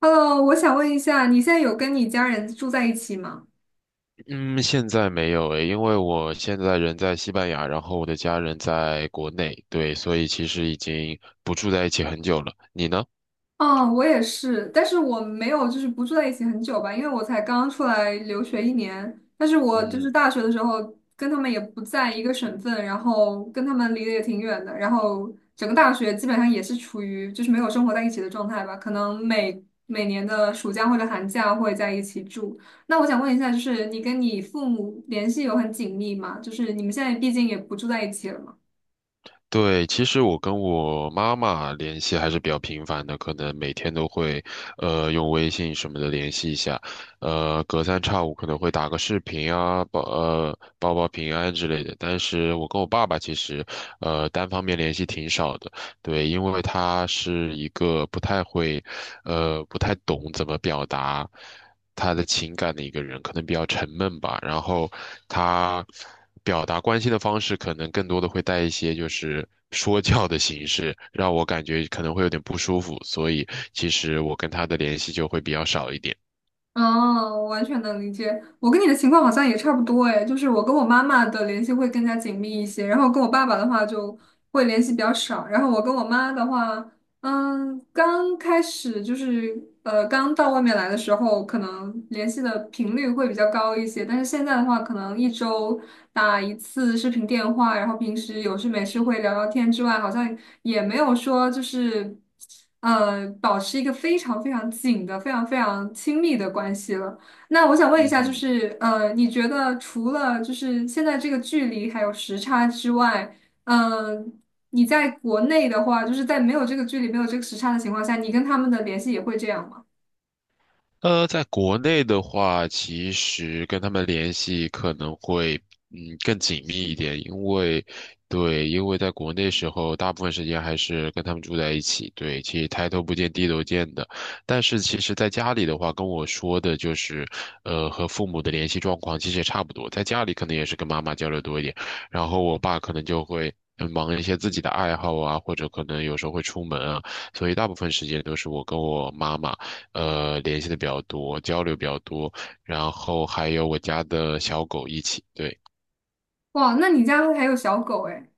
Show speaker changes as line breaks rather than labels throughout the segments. Hello，我想问一下，你现在有跟你家人住在一起吗？
嗯，现在没有诶，因为我现在人在西班牙，然后我的家人在国内，对，所以其实已经不住在一起很久了。你呢？
哦，我也是，但是我没有就是不住在一起很久吧，因为我才刚出来留学一年。但是我就是
嗯。
大学的时候跟他们也不在一个省份，然后跟他们离得也挺远的，然后整个大学基本上也是处于就是没有生活在一起的状态吧，可能每年的暑假或者寒假会在一起住。那我想问一下，就是你跟你父母联系有很紧密吗？就是你们现在毕竟也不住在一起了嘛？
对，其实我跟我妈妈联系还是比较频繁的，可能每天都会，用微信什么的联系一下，隔三差五可能会打个视频啊，报平安之类的。但是我跟我爸爸其实，单方面联系挺少的，对，因为他是一个不太会，不太懂怎么表达他的情感的一个人，可能比较沉闷吧。然后他表达关心的方式，可能更多的会带一些就是说教的形式，让我感觉可能会有点不舒服。所以其实我跟他的联系就会比较少一点。
哦，我完全能理解。我跟你的情况好像也差不多诶，就是我跟我妈妈的联系会更加紧密一些，然后跟我爸爸的话就会联系比较少，然后我跟我妈的话，刚开始就是刚到外面来的时候，可能联系的频率会比较高一些，但是现在的话，可能一周打一次视频电话，然后平时有事没事会聊聊天之外，好像也没有说就是保持一个非常非常紧的、非常非常亲密的关系了。那我想问一
嗯
下，就
哼。
是你觉得除了就是现在这个距离还有时差之外，嗯？你在国内的话，就是在没有这个距离、没有这个时差的情况下，你跟他们的联系也会这样吗？
在国内的话，其实跟他们联系可能会更紧密一点，因为对，因为在国内时候，大部分时间还是跟他们住在一起，对，其实抬头不见低头见的。但是其实在家里的话，跟我说的就是，和父母的联系状况其实也差不多，在家里可能也是跟妈妈交流多一点，然后我爸可能就会忙一些自己的爱好啊，或者可能有时候会出门啊，所以大部分时间都是我跟我妈妈联系的比较多，交流比较多，然后还有我家的小狗一起。对，
哇，那你家还有小狗哎？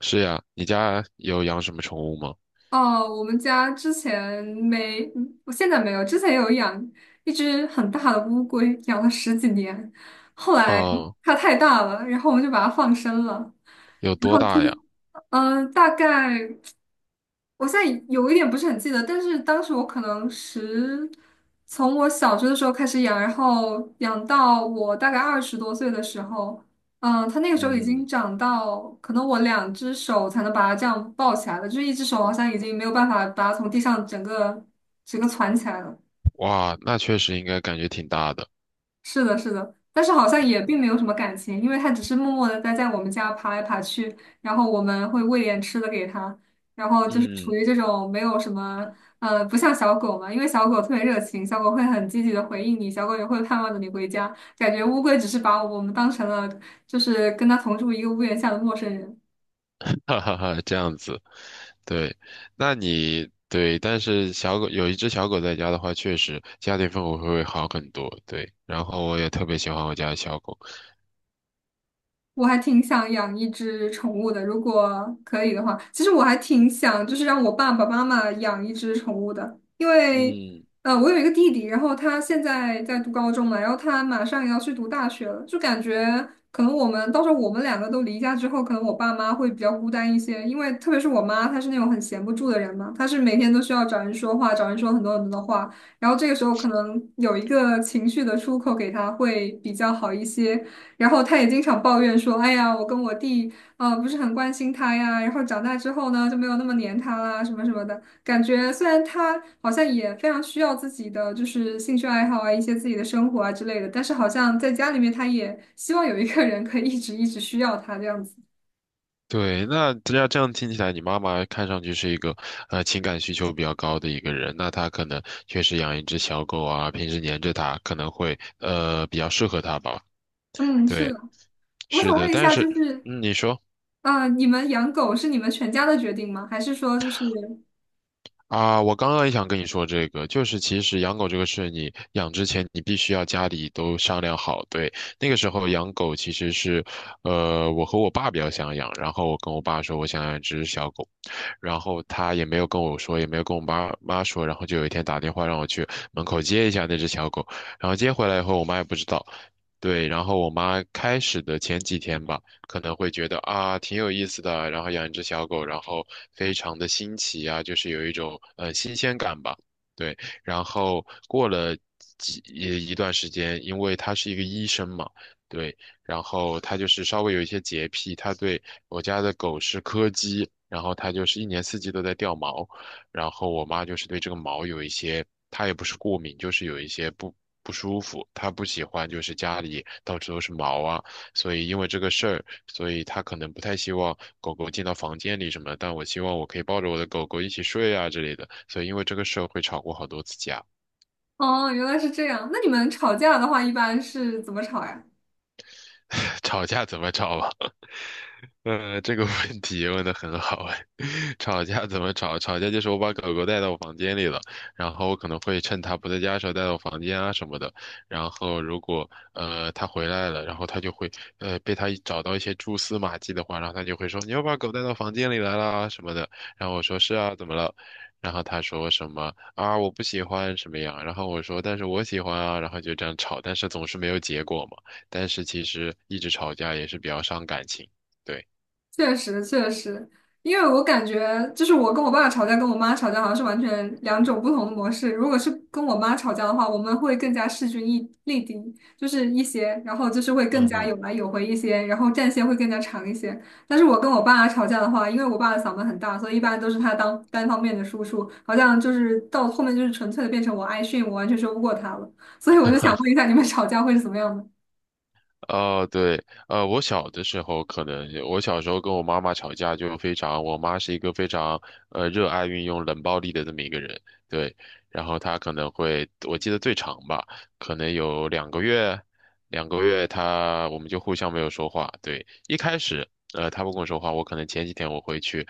是呀，你家有养什么宠物吗？
哦，我们家之前没，我现在没有，之前有养一只很大的乌龟，养了十几年，后来
哦，
它太大了，然后我们就把它放生了。
有多大呀？
嗯，大概。我现在有一点不是很记得，但是当时我可能从我小学的时候开始养，然后养到我大概20多岁的时候，它那个时候已经
嗯，
长到可能我2只手才能把它这样抱起来了，就是一只手好像已经没有办法把它从地上整个攒起来了。
哇，那确实应该感觉挺大的。
是的，是的，但是好像也并没有什么感情，因为它只是默默的待在我们家爬来爬去，然后我们会喂点吃的给它，然后就是处
嗯，
于这种没有什么，不像小狗嘛，因为小狗特别热情，小狗会很积极的回应你，小狗也会盼望着你回家，感觉乌龟只是把我们当成了就是跟它同住一个屋檐下的陌生人。
哈哈哈，这样子，对，那你对，但是小狗有一只小狗在家的话，确实家庭氛围会好很多。对，然后我也特别喜欢我家的小狗。
我还挺想养一只宠物的，如果可以的话，其实我还挺想，就是让我爸爸妈妈养一只宠物的，因为，
嗯。
我有一个弟弟，然后他现在在读高中嘛，然后他马上也要去读大学了，就感觉可能我们到时候我们两个都离家之后，可能我爸妈会比较孤单一些，因为特别是我妈，她是那种很闲不住的人嘛，她是每天都需要找人说话，找人说很多很多的话，然后这个时候可能有一个情绪的出口给他会比较好一些。然后他也经常抱怨说："哎呀，我跟我弟，啊不是很关心他呀。然后长大之后呢，就没有那么黏他啦，什么什么的。感觉虽然他好像也非常需要自己的就是兴趣爱好啊，一些自己的生活啊之类的，但是好像在家里面，他也希望有一个人可以一直一直需要他这样子。"
对，那这样听起来，你妈妈看上去是一个情感需求比较高的一个人，那她可能确实养一只小狗啊，平时黏着它，可能会比较适合她吧。
嗯，是
对，
的。我想
是的，
问一
但
下，就
是
是，
你说
你们养狗是你们全家的决定吗？还是说就是，
啊，我刚刚也想跟你说这个，就是其实养狗这个事，你养之前你必须要家里都商量好。对，那个时候养狗其实是，我和我爸比较想养，然后我跟我爸说我想养一只小狗。然后他也没有跟我说，也没有跟我妈妈说，然后就有一天打电话让我去门口接一下那只小狗，然后接回来以后，我妈也不知道。对，然后我妈开始的前几天吧，可能会觉得啊挺有意思的，然后养一只小狗，然后非常的新奇啊，就是有一种新鲜感吧。对，然后过了一段时间，因为他是一个医生嘛，对，然后它就是稍微有一些洁癖，它对我家的狗是柯基，然后它就是一年四季都在掉毛，然后我妈就是对这个毛有一些，她也不是过敏，就是有一些不舒服，她不喜欢就是家里到处都是毛啊，所以因为这个事儿，所以她可能不太希望狗狗进到房间里什么但我希望我可以抱着我的狗狗一起睡啊之类的，所以因为这个事儿会吵过好多次架。
哦，原来是这样。那你们吵架的话，一般是怎么吵呀？
吵架怎么吵吧？这个问题问的很好哎。吵架怎么吵？吵架就是我把狗狗带到我房间里了，然后我可能会趁它不在家的时候带到房间啊什么的。然后如果它回来了，然后它就会被它找到一些蛛丝马迹的话，然后它就会说你又把狗带到房间里来啦啊什么的。然后我说是啊，怎么了？然后他说什么啊我不喜欢什么样，然后我说但是我喜欢啊，然后就这样吵，但是总是没有结果嘛。但是其实一直吵架也是比较伤感情，对。
确实确实，因为我感觉就是我跟我爸吵架，跟我妈吵架好像是完全两种不同的模式。如果是跟我妈吵架的话，我们会更加势均力敌，就是一些，然后就是会更
嗯
加有
哼。
来有回一些，然后战线会更加长一些。但是我跟我爸吵架的话，因为我爸的嗓门很大，所以一般都是他当单方面的输出，好像就是到后面就是纯粹的变成我挨训，我完全说不过他了。所以我就想问一下，你们吵架会是怎么样的？
哦对，我小的时候可能是我小时候跟我妈妈吵架就非常，我妈是一个非常热爱运用冷暴力的这么一个人，对，然后她可能会，我记得最长吧，可能有两个月，两个月她我们就互相没有说话，对，一开始她不跟我说话，我可能前几天我会去，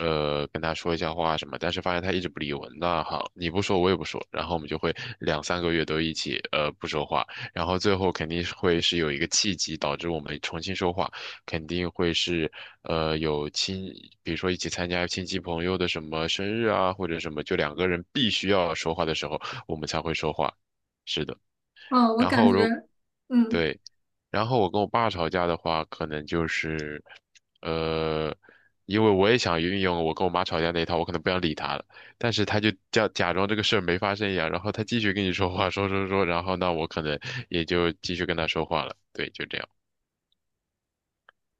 跟她说一下话什么，但是发现她一直不理我，那好，你不说我也不说，然后我们就会两三个月都一起不说话。然后最后肯定是会是有一个契机导致我们重新说话，肯定会是呃有亲，比如说一起参加亲戚朋友的什么生日啊，或者什么，就两个人必须要说话的时候，我们才会说话。是的，
嗯，我
然
感
后
觉，
如
嗯。
对，然后我跟我爸吵架的话，可能就是，呃，因为我也想运用我跟我妈吵架那一套，我可能不想理他了，但是他就叫假装这个事儿没发生一样，然后他继续跟你说话，说说说，然后那我可能也就继续跟他说话了，对，就这样。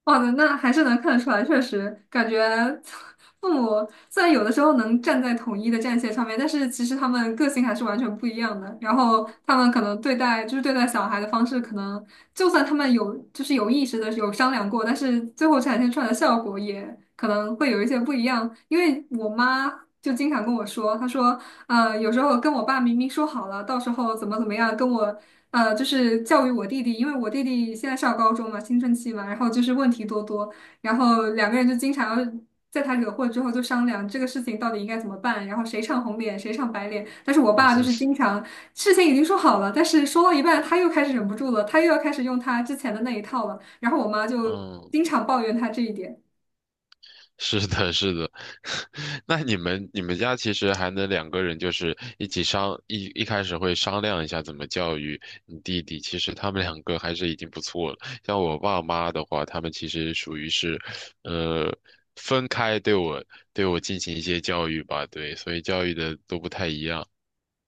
哇，那还是能看得出来，确实感觉 父母虽然有的时候能站在统一的战线上面，但是其实他们个性还是完全不一样的。然后他们可能对待就是对待小孩的方式，可能就算他们有就是有意识的有商量过，但是最后展现出来的效果也可能会有一些不一样。因为我妈就经常跟我说，她说，有时候跟我爸明明说好了，到时候怎么怎么样，跟我。就是教育我弟弟，因为我弟弟现在上高中嘛，青春期嘛，然后就是问题多多，然后两个人就经常要在他惹祸之后就商量这个事情到底应该怎么办，然后谁唱红脸，谁唱白脸。但是我爸就是 经常事情已经说好了，但是说到一半他又开始忍不住了，他又要开始用他之前的那一套了，然后我妈就
嗯哼，嗯，
经常抱怨他这一点。
是的，是的。那你们家其实还能两个人就是一起一开始会商量一下怎么教育你弟弟。其实他们两个还是已经不错了。像我爸妈的话，他们其实属于是，呃，分开对我进行一些教育吧，对，所以教育的都不太一样。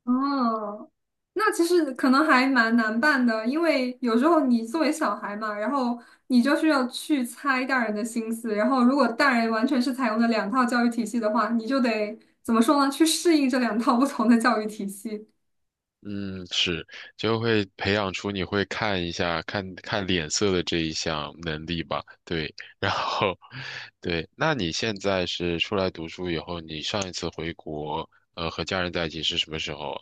哦，那其实可能还蛮难办的，因为有时候你作为小孩嘛，然后你就是要去猜大人的心思，然后如果大人完全是采用的两套教育体系的话，你就得怎么说呢？去适应这两套不同的教育体系。
嗯，是，就会培养出你会看一下、看看脸色的这一项能力吧。对，然后，对，那你现在是出来读书以后，你上一次回国，和家人在一起是什么时候啊？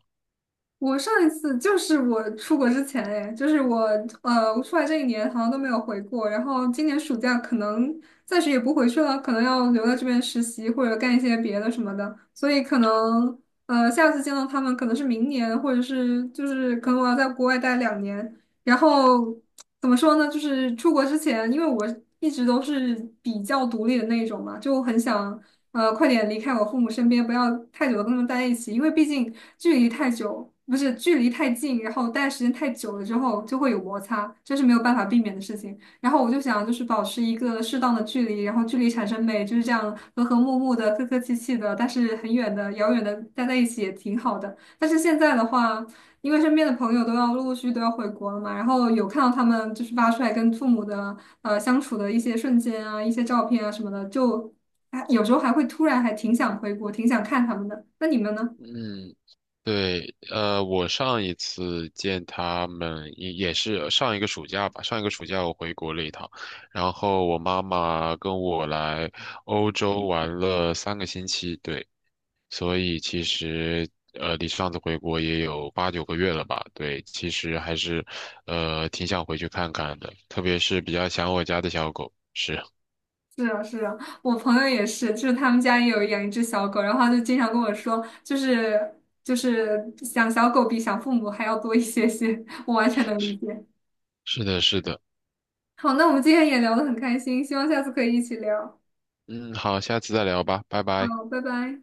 我上一次就是我出国之前，哎，就是我出来这一年好像都没有回过，然后今年暑假可能暂时也不回去了，可能要留在这边实习或者干一些别的什么的，所以可能下次见到他们可能是明年，或者是就是可能我要在国外待2年，然后。怎么说呢？就是出国之前，因为我一直都是比较独立的那一种嘛，就很想快点离开我父母身边，不要太久的跟他们待在一起，因为毕竟距离太久，不是距离太近，然后待的时间太久了之后就会有摩擦，这是没有办法避免的事情。然后我就想就是保持一个适当的距离，然后距离产生美，就是这样和和睦睦的、客客气气的，但是很远的、遥远的待在一起也挺好的。但是现在的话。因为身边的朋友都要陆陆续续都要回国了嘛，然后有看到他们就是发出来跟父母的相处的一些瞬间啊、一些照片啊什么的，就啊有时候还会突然还挺想回国，挺想看他们的。那你们呢？
嗯，对，我上一次见他们也是上一个暑假吧，上一个暑假我回国了一趟，然后我妈妈跟我来欧洲玩了3个星期，对。所以其实离上次回国也有八九个月了吧？对，其实还是挺想回去看看的，特别是比较想我家的小狗。是，
是啊，是啊，我朋友也是，就是他们家也有养一只小狗，然后他就经常跟我说，就是想小狗比想父母还要多一些些，我完全能理解。
是的，是的。
好，那我们今天也聊得很开心，希望下次可以一起聊。
嗯，好，下次再聊吧，拜拜。
好，拜拜。